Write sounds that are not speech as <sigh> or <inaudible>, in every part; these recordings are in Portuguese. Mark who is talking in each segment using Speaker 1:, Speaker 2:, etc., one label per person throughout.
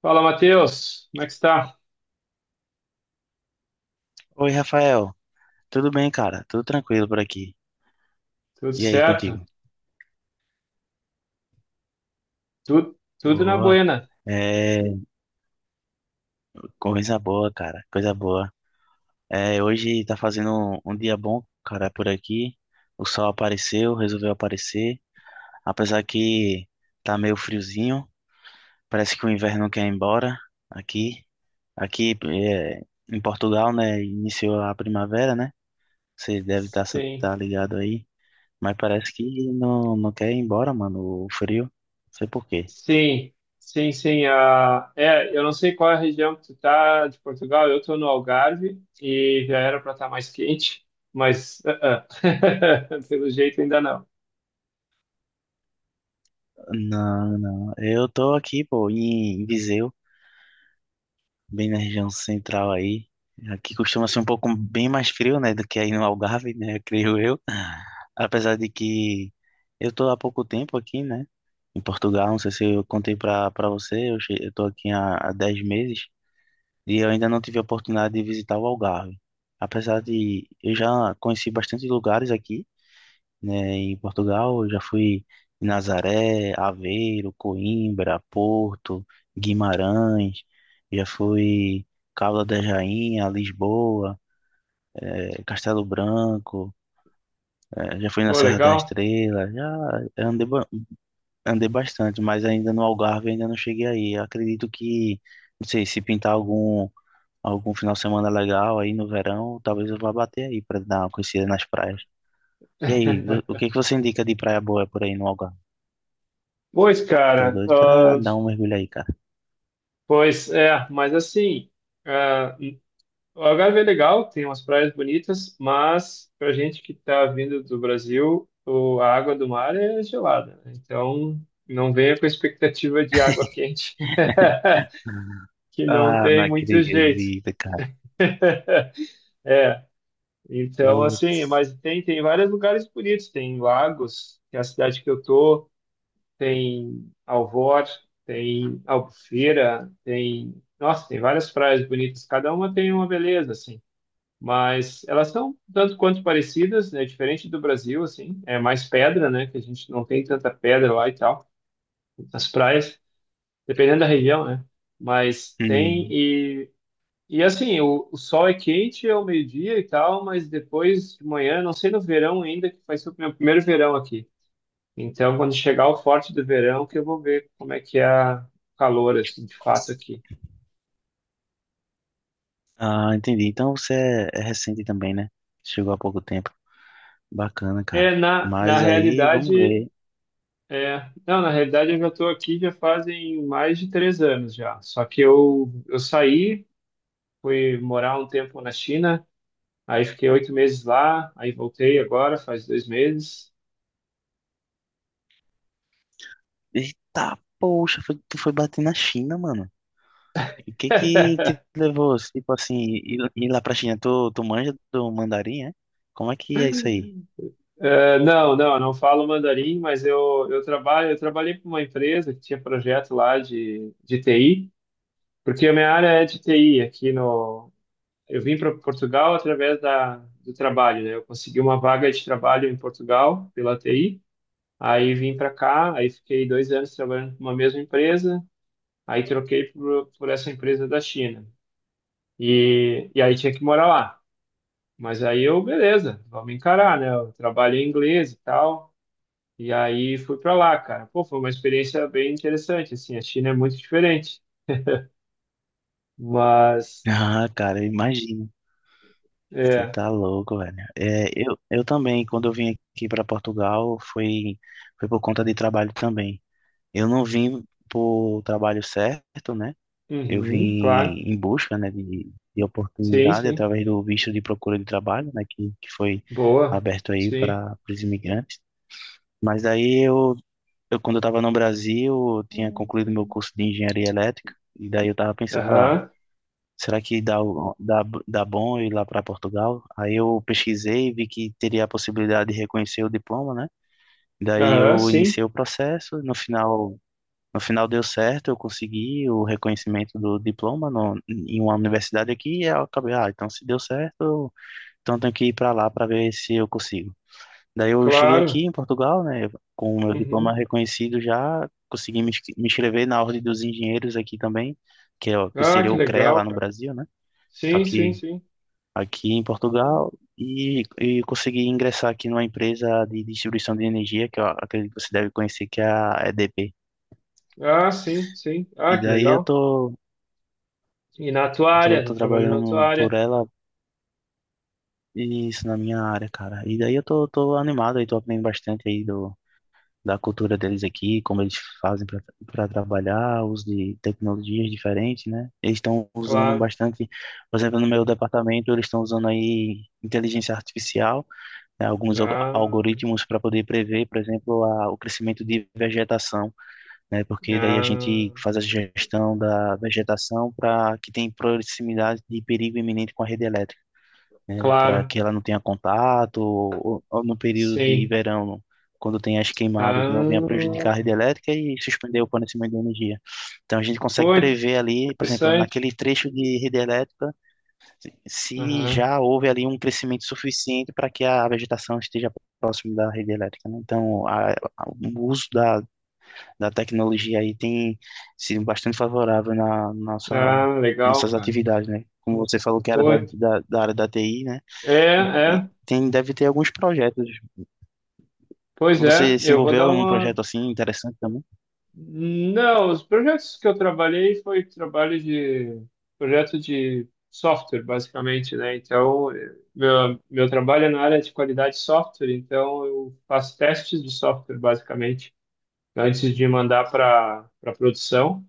Speaker 1: Fala, Matheus. Como é que está?
Speaker 2: Oi, Rafael. Tudo bem, cara? Tudo tranquilo por aqui.
Speaker 1: Tudo
Speaker 2: E aí,
Speaker 1: certo?
Speaker 2: contigo?
Speaker 1: Tudo na
Speaker 2: Boa.
Speaker 1: buena.
Speaker 2: É, coisa boa, cara. Coisa boa. É, hoje tá fazendo um dia bom, cara, por aqui. O sol apareceu, resolveu aparecer. Apesar que tá meio friozinho. Parece que o inverno não quer ir embora aqui. Aqui é, em Portugal, né? Iniciou a primavera, né? Você deve estar tá,
Speaker 1: Sim,
Speaker 2: tá ligado aí. Mas parece que não quer ir embora, mano, o frio. Não sei por quê.
Speaker 1: sim, sim, sim. Eu não sei qual é a região que tu tá de Portugal. Eu tô no Algarve e já era para estar mais quente, mas <laughs> Pelo jeito ainda não.
Speaker 2: Não, não. Eu tô aqui, pô, em Viseu, bem na região central aí. Aqui costuma ser um pouco bem mais frio, né, do que aí no Algarve, né, <laughs> creio eu. Apesar de que eu tô há pouco tempo aqui, né, em Portugal. Não sei se eu contei pra você, eu tô aqui há 10 meses e eu ainda não tive a oportunidade de visitar o Algarve. Apesar de eu já conheci bastante lugares aqui, né, em Portugal, eu já fui em Nazaré, Aveiro, Coimbra, Porto, Guimarães, já fui Cabo da Rainha, Lisboa, Castelo Branco, já fui na
Speaker 1: Pô,
Speaker 2: Serra da
Speaker 1: legal.
Speaker 2: Estrela, já andei, ba- andei bastante, mas ainda no Algarve ainda não cheguei aí. Eu acredito que, não sei, se pintar algum final de semana legal aí no verão, talvez eu vá bater aí para dar uma conhecida nas praias. E aí, o
Speaker 1: <laughs>
Speaker 2: que que você indica de praia boa por aí no Algarve?
Speaker 1: Pois,
Speaker 2: Tô
Speaker 1: cara,
Speaker 2: doido pra
Speaker 1: ah,
Speaker 2: dar um mergulho aí, cara.
Speaker 1: pois é, mas assim, ah, o Algarve é legal, tem umas praias bonitas, mas pra gente que tá vindo do Brasil, o- a água do mar é gelada, né? Então não venha com expectativa de água quente,
Speaker 2: <laughs>
Speaker 1: <laughs> que não
Speaker 2: Ah, não
Speaker 1: tem muito jeito.
Speaker 2: acredito, cara.
Speaker 1: É, então
Speaker 2: Putz.
Speaker 1: assim, mas tem, vários lugares bonitos, tem Lagos, que é a cidade que eu tô, tem Alvor, tem Albufeira, tem, nossa, tem várias praias bonitas, cada uma tem uma beleza, assim. Mas elas são tanto quanto parecidas, né? Diferente do Brasil, assim, é mais pedra, né? Que a gente não tem tanta pedra lá e tal, nas praias, dependendo da região, né? Mas tem
Speaker 2: Hum.
Speaker 1: e assim, o sol é quente ao meio-dia e tal, mas depois de manhã, não sei no verão ainda, que vai ser o meu primeiro verão aqui. Então, quando chegar o forte do verão, que eu vou ver como é que é o calor, assim, de fato aqui.
Speaker 2: Ah, entendi. Então você é recente também, né? Chegou há pouco tempo. Bacana, cara.
Speaker 1: Na
Speaker 2: Mas aí, vamos
Speaker 1: realidade,
Speaker 2: ver.
Speaker 1: É, não, na realidade eu já estou aqui já fazem mais de 3 anos já. Só que eu saí, fui morar um tempo na China, aí fiquei 8 meses lá, aí voltei agora, faz 2 meses.
Speaker 2: Eita, poxa, tu foi bater na China, mano. O que que te
Speaker 1: <laughs>
Speaker 2: levou, tipo assim, ir lá pra China? Tu manja do mandarim, é? Como é que é isso aí?
Speaker 1: Não, eu não falo mandarim, mas eu trabalhei para uma empresa que tinha projeto lá de TI, porque a minha área é de TI aqui no. Eu vim para Portugal através do trabalho, né? Eu consegui uma vaga de trabalho em Portugal pela TI. Aí vim para cá, aí fiquei 2 anos trabalhando numa mesma empresa, aí troquei por essa empresa da China. E aí tinha que morar lá. Mas aí eu, beleza, vamos encarar, né? Eu trabalho em inglês e tal. E aí fui para lá, cara. Pô, foi uma experiência bem interessante, assim. A China é muito diferente. Mas,
Speaker 2: Ah, cara, eu imagino. Você
Speaker 1: é,
Speaker 2: tá louco, velho. É, eu também, quando eu vim aqui para Portugal, foi por conta de trabalho também. Eu não vim por trabalho certo, né? Eu vim
Speaker 1: uhum, claro.
Speaker 2: em busca, né, de
Speaker 1: Sim,
Speaker 2: oportunidade
Speaker 1: sim.
Speaker 2: através do visto de procura de trabalho, né, que foi
Speaker 1: Boa.
Speaker 2: aberto aí
Speaker 1: Sim.
Speaker 2: para os imigrantes. Mas aí eu quando eu estava no Brasil, eu tinha concluído meu curso de engenharia elétrica, e daí eu estava pensando, ah,
Speaker 1: Aham,
Speaker 2: será que dá bom ir lá para Portugal? Aí eu pesquisei, e vi que teria a possibilidade de reconhecer o diploma, né? Daí
Speaker 1: aham,
Speaker 2: eu
Speaker 1: sim,
Speaker 2: iniciei o processo, no final deu certo, eu consegui o reconhecimento do diploma no, em uma universidade aqui, e eu acabei, então se deu certo, então eu tenho que ir para lá para ver se eu consigo. Daí eu cheguei
Speaker 1: claro.
Speaker 2: aqui em Portugal, né, com o meu diploma
Speaker 1: Uhum.
Speaker 2: reconhecido já, consegui me inscrever na Ordem dos Engenheiros aqui também, que, que
Speaker 1: Ah,
Speaker 2: seria
Speaker 1: que
Speaker 2: o CREA
Speaker 1: legal,
Speaker 2: lá no
Speaker 1: cara.
Speaker 2: Brasil, né? Só
Speaker 1: Sim, sim,
Speaker 2: que
Speaker 1: sim.
Speaker 2: aqui em Portugal e consegui ingressar aqui numa empresa de distribuição de energia, que eu acredito que você deve conhecer, que é a EDP.
Speaker 1: Ah, sim, sim. Ah,
Speaker 2: E
Speaker 1: que
Speaker 2: daí eu
Speaker 1: legal.
Speaker 2: tô,
Speaker 1: E na tua
Speaker 2: tô,
Speaker 1: área, tá
Speaker 2: tô
Speaker 1: trabalhando na tua
Speaker 2: trabalhando por
Speaker 1: área,
Speaker 2: ela, e isso na minha área, cara. E daí eu tô animado aí tô aprendendo bastante aí da cultura deles aqui, como eles fazem para trabalhar, uso de tecnologias diferentes, né? Eles estão usando
Speaker 1: claro.
Speaker 2: bastante, por exemplo, no meu departamento, eles estão usando aí inteligência artificial, né, alguns
Speaker 1: Ah,
Speaker 2: algoritmos para poder prever, por exemplo, o crescimento de vegetação, né, porque daí a
Speaker 1: ah,
Speaker 2: gente faz a gestão da vegetação para que tenha proximidade de perigo iminente com a rede elétrica, né, para
Speaker 1: claro,
Speaker 2: que ela não tenha contato, ou, no período de
Speaker 1: sim.
Speaker 2: verão, quando tem as queimadas, não venha
Speaker 1: Ah,
Speaker 2: prejudicar a rede elétrica e suspender o fornecimento de energia. Então a gente consegue
Speaker 1: pô,
Speaker 2: prever ali, por exemplo,
Speaker 1: interessante.
Speaker 2: naquele trecho de rede elétrica, se
Speaker 1: Aham.
Speaker 2: já houve ali um crescimento suficiente para que a vegetação esteja próximo da rede elétrica, né? Então, o uso da tecnologia aí tem sido bastante favorável na
Speaker 1: Ah, legal,
Speaker 2: nossas
Speaker 1: cara.
Speaker 2: atividades, né? Como você falou que era
Speaker 1: Pô,
Speaker 2: da,
Speaker 1: é,
Speaker 2: da área da TI, né?
Speaker 1: é.
Speaker 2: E tem, deve ter alguns projetos.
Speaker 1: Pois é,
Speaker 2: Você se
Speaker 1: eu vou dar
Speaker 2: envolveu em um
Speaker 1: uma.
Speaker 2: projeto assim interessante também?
Speaker 1: Não, os projetos que eu trabalhei foi trabalho de projeto de software, basicamente, né? Então, meu trabalho é na área de qualidade de software, então eu faço testes de software, basicamente, antes de mandar para produção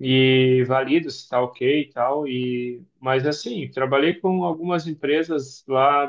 Speaker 1: e valido se está ok e tal. E, mas assim, trabalhei com algumas empresas lá,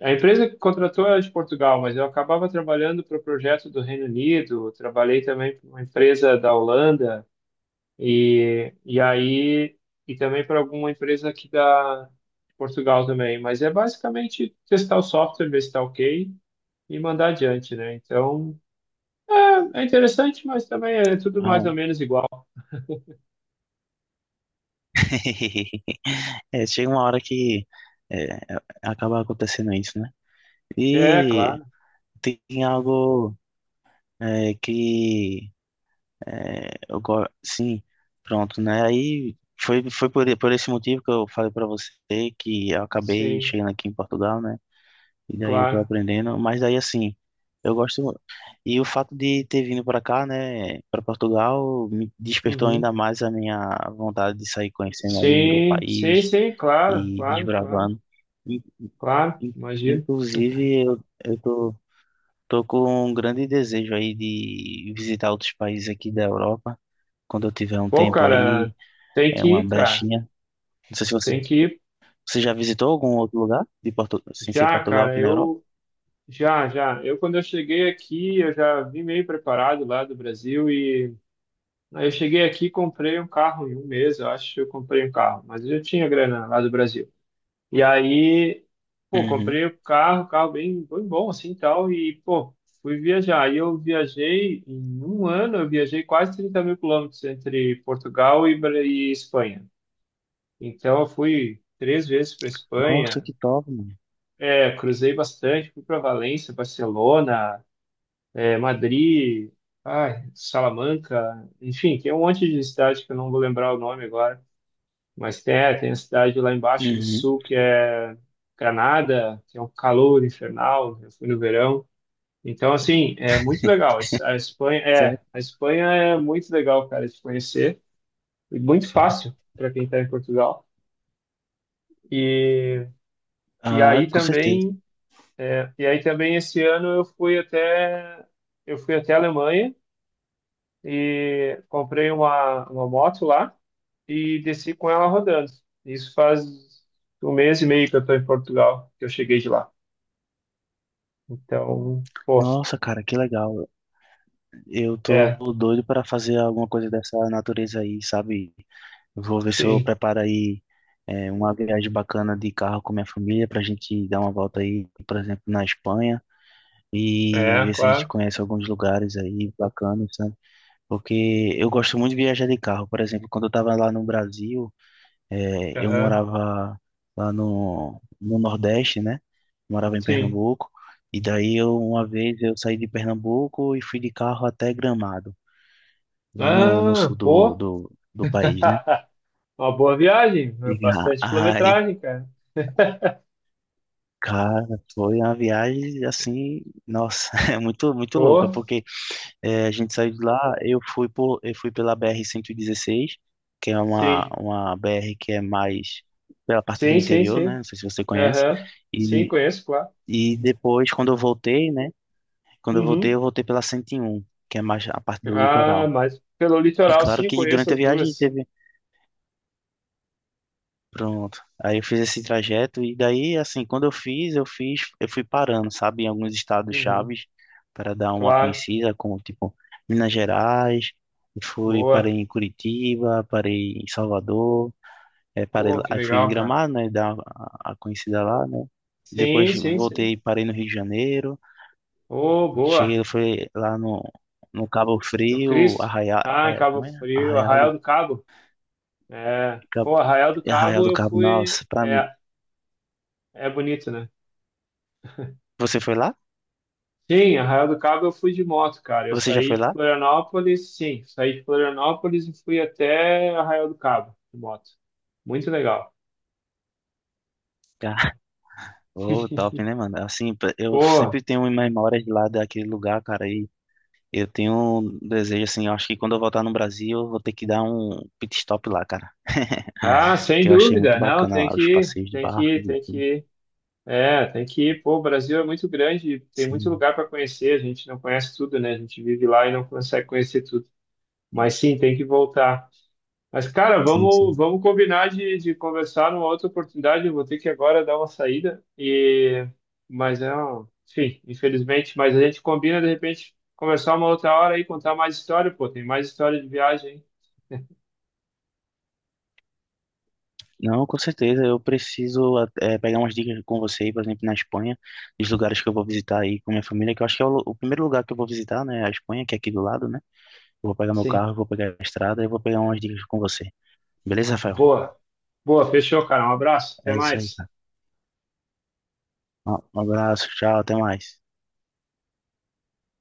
Speaker 1: a empresa que contratou era de Portugal, mas eu acabava trabalhando para o projeto do Reino Unido, trabalhei também para uma empresa da Holanda e, e aí e também para alguma empresa aqui da de Portugal também. Mas é basicamente testar o software, ver se está ok e mandar adiante, né? Então é interessante, mas também é tudo mais
Speaker 2: Ah.
Speaker 1: ou menos igual.
Speaker 2: <laughs> É, chega uma hora que é, acaba acontecendo isso, né?
Speaker 1: É,
Speaker 2: E
Speaker 1: claro,
Speaker 2: tem algo é, que é, sim, pronto, né? Aí foi por esse motivo que eu falei para você que eu acabei
Speaker 1: sim,
Speaker 2: chegando aqui em Portugal, né? E daí eu tô
Speaker 1: claro.
Speaker 2: aprendendo, mas daí assim, eu gosto e o fato de ter vindo para cá, né, para Portugal, me despertou
Speaker 1: Uhum.
Speaker 2: ainda mais a minha vontade de sair conhecendo aí o
Speaker 1: Sim, sim,
Speaker 2: país
Speaker 1: sim, claro,
Speaker 2: e
Speaker 1: claro, claro,
Speaker 2: desbravando. In-
Speaker 1: claro,
Speaker 2: in-
Speaker 1: imagino.
Speaker 2: Inclusive, eu tô com um grande desejo aí de visitar outros países aqui da Europa, quando eu tiver um
Speaker 1: Pô,
Speaker 2: tempo
Speaker 1: cara,
Speaker 2: aí,
Speaker 1: tem
Speaker 2: é
Speaker 1: que
Speaker 2: uma
Speaker 1: ir, cara.
Speaker 2: brechinha. Não sei se você,
Speaker 1: Tem que ir
Speaker 2: você já visitou algum outro lugar de sem ser
Speaker 1: já,
Speaker 2: Portugal
Speaker 1: cara.
Speaker 2: aqui na Europa?
Speaker 1: Eu já, já. Eu quando eu cheguei aqui, eu já vim meio preparado lá do Brasil e aí eu cheguei aqui, e comprei um carro em um mês, eu acho que eu comprei um carro, mas eu já tinha grana lá do Brasil. E aí, pô,
Speaker 2: Uhum.
Speaker 1: comprei o carro, carro bem bom assim, e tal e pô, fui viajar. E eu viajei em um ano, eu viajei quase 30.000 quilômetros entre Portugal e, Bra- e Espanha. Então, eu fui 3 vezes para
Speaker 2: Nossa,
Speaker 1: Espanha,
Speaker 2: que top, mano.
Speaker 1: é, cruzei bastante, fui para Valência, Barcelona, é, Madrid, ai, Salamanca, enfim, tem um monte de cidade que eu não vou lembrar o nome agora, mas tem, é, tem a cidade lá embaixo no
Speaker 2: Uhum.
Speaker 1: sul que é Granada, que é um calor infernal, eu fui no verão. Então, assim, é muito legal. A Espanha é,
Speaker 2: Certo.
Speaker 1: a Espanha é muito legal, cara, de conhecer e muito fácil para quem está em Portugal. E, e
Speaker 2: Ah,
Speaker 1: aí
Speaker 2: com certeza.
Speaker 1: também E aí também esse ano eu fui até a Alemanha e comprei uma moto lá e desci com ela rodando. Isso faz um mês e meio que eu estou em Portugal, que eu cheguei de lá. Então, pô,
Speaker 2: Nossa, cara, que legal. Eu tô
Speaker 1: é,
Speaker 2: doido para fazer alguma coisa dessa natureza aí, sabe? Eu vou ver se eu
Speaker 1: sim,
Speaker 2: preparo aí uma viagem bacana de carro com minha família pra gente dar uma volta aí, por exemplo, na Espanha e
Speaker 1: é,
Speaker 2: ver se a gente
Speaker 1: claro,
Speaker 2: conhece alguns lugares aí bacanas, sabe? Porque eu gosto muito de viajar de carro. Por exemplo, quando eu estava lá no Brasil, eu
Speaker 1: aham,
Speaker 2: morava lá no Nordeste, né? Morava em
Speaker 1: sim.
Speaker 2: Pernambuco. E daí, eu, uma vez, eu saí de Pernambuco e fui de carro até Gramado, lá no
Speaker 1: Ah,
Speaker 2: sul do,
Speaker 1: pô,
Speaker 2: do, do país, né?
Speaker 1: <laughs> uma boa viagem,
Speaker 2: E, <laughs>
Speaker 1: bastante
Speaker 2: ah, ai,
Speaker 1: quilometragem, cara. <laughs>
Speaker 2: cara, foi uma viagem assim, nossa, <laughs> é muito, muito louca,
Speaker 1: Pô,
Speaker 2: porque. É, a gente saiu de lá, eu fui pela BR-16 que é uma,
Speaker 1: sim,
Speaker 2: uma BR que é mais pela parte do
Speaker 1: sim, sim,
Speaker 2: interior, né?
Speaker 1: sim,
Speaker 2: Não sei se você conhece.
Speaker 1: aham, sim,
Speaker 2: E,
Speaker 1: conheço, claro.
Speaker 2: e depois, quando eu voltei, né? Quando
Speaker 1: Uhum.
Speaker 2: eu voltei pela 101 que é mais a parte do
Speaker 1: Ah,
Speaker 2: litoral.
Speaker 1: mas pelo
Speaker 2: E
Speaker 1: litoral,
Speaker 2: claro
Speaker 1: sim,
Speaker 2: que
Speaker 1: conheço
Speaker 2: durante a
Speaker 1: as
Speaker 2: viagem
Speaker 1: duas.
Speaker 2: teve. Pronto. Aí eu fiz esse trajeto e daí, assim, quando eu fui parando, sabe, em alguns estados
Speaker 1: Uhum,
Speaker 2: chaves para dar uma
Speaker 1: claro,
Speaker 2: conhecida, como tipo Minas Gerais, e fui parei
Speaker 1: boa.
Speaker 2: em Curitiba, parei em Salvador, é, parei,
Speaker 1: Pô, que
Speaker 2: aí fui em
Speaker 1: legal, cara.
Speaker 2: Gramado, né, dar a conhecida lá, né.
Speaker 1: Sim,
Speaker 2: Depois
Speaker 1: sim,
Speaker 2: voltei,
Speaker 1: sim.
Speaker 2: e parei no Rio de Janeiro,
Speaker 1: Oh, boa.
Speaker 2: cheguei, foi lá no Cabo
Speaker 1: No
Speaker 2: Frio,
Speaker 1: Cristo.
Speaker 2: Arraial,
Speaker 1: Ah, em
Speaker 2: é,
Speaker 1: Cabo
Speaker 2: como é?
Speaker 1: Frio, Arraial do Cabo. É. Pô,
Speaker 2: Cabo,
Speaker 1: Arraial do
Speaker 2: Arraial
Speaker 1: Cabo
Speaker 2: do
Speaker 1: eu
Speaker 2: Cabo,
Speaker 1: fui.
Speaker 2: nossa, pra mim.
Speaker 1: É, é bonito, né?
Speaker 2: Você foi lá?
Speaker 1: Sim, Arraial do Cabo eu fui de moto, cara. Eu
Speaker 2: Você já
Speaker 1: saí
Speaker 2: foi
Speaker 1: de
Speaker 2: lá?
Speaker 1: Florianópolis, sim, saí de Florianópolis e fui até Arraial do Cabo de moto. Muito legal.
Speaker 2: Oh, top,
Speaker 1: <laughs>
Speaker 2: né, mano? Assim, eu
Speaker 1: Pô.
Speaker 2: sempre tenho memórias lá daquele lugar, cara, e eu tenho um desejo, assim, eu acho que quando eu voltar no Brasil, eu vou ter que dar um pit stop lá, cara.
Speaker 1: Ah,
Speaker 2: <laughs>
Speaker 1: sem
Speaker 2: Que eu achei muito
Speaker 1: dúvida, não,
Speaker 2: bacana
Speaker 1: tem
Speaker 2: lá,
Speaker 1: que
Speaker 2: os
Speaker 1: ir,
Speaker 2: passeios de
Speaker 1: tem que
Speaker 2: barco
Speaker 1: ir,
Speaker 2: e
Speaker 1: tem que
Speaker 2: tudo.
Speaker 1: ir. É, tem que ir. Pô, o Brasil é muito grande, tem muito
Speaker 2: Sim,
Speaker 1: lugar para conhecer, a gente não conhece tudo, né? A gente vive lá e não consegue conhecer tudo. Mas sim, tem que voltar. Mas, cara,
Speaker 2: sim,
Speaker 1: vamos,
Speaker 2: sim.
Speaker 1: vamos combinar de conversar numa outra oportunidade. Eu vou ter que agora dar uma saída. E... Mas é, um- enfim, infelizmente, mas a gente combina de repente conversar uma outra hora e contar mais história, pô, tem mais história de viagem, hein?
Speaker 2: Não, com certeza, eu preciso pegar umas dicas com você aí, por exemplo, na Espanha, dos lugares que eu vou visitar aí com minha família, que eu acho que é o primeiro lugar que eu vou visitar, né, a Espanha, que é aqui do lado, né? Eu vou pegar meu
Speaker 1: Sim.
Speaker 2: carro, eu vou pegar a estrada e vou pegar umas dicas com você. Beleza, Rafael?
Speaker 1: Boa, boa, fechou, cara. Um abraço, até
Speaker 2: É isso aí.
Speaker 1: mais.
Speaker 2: Um abraço, tchau, até mais.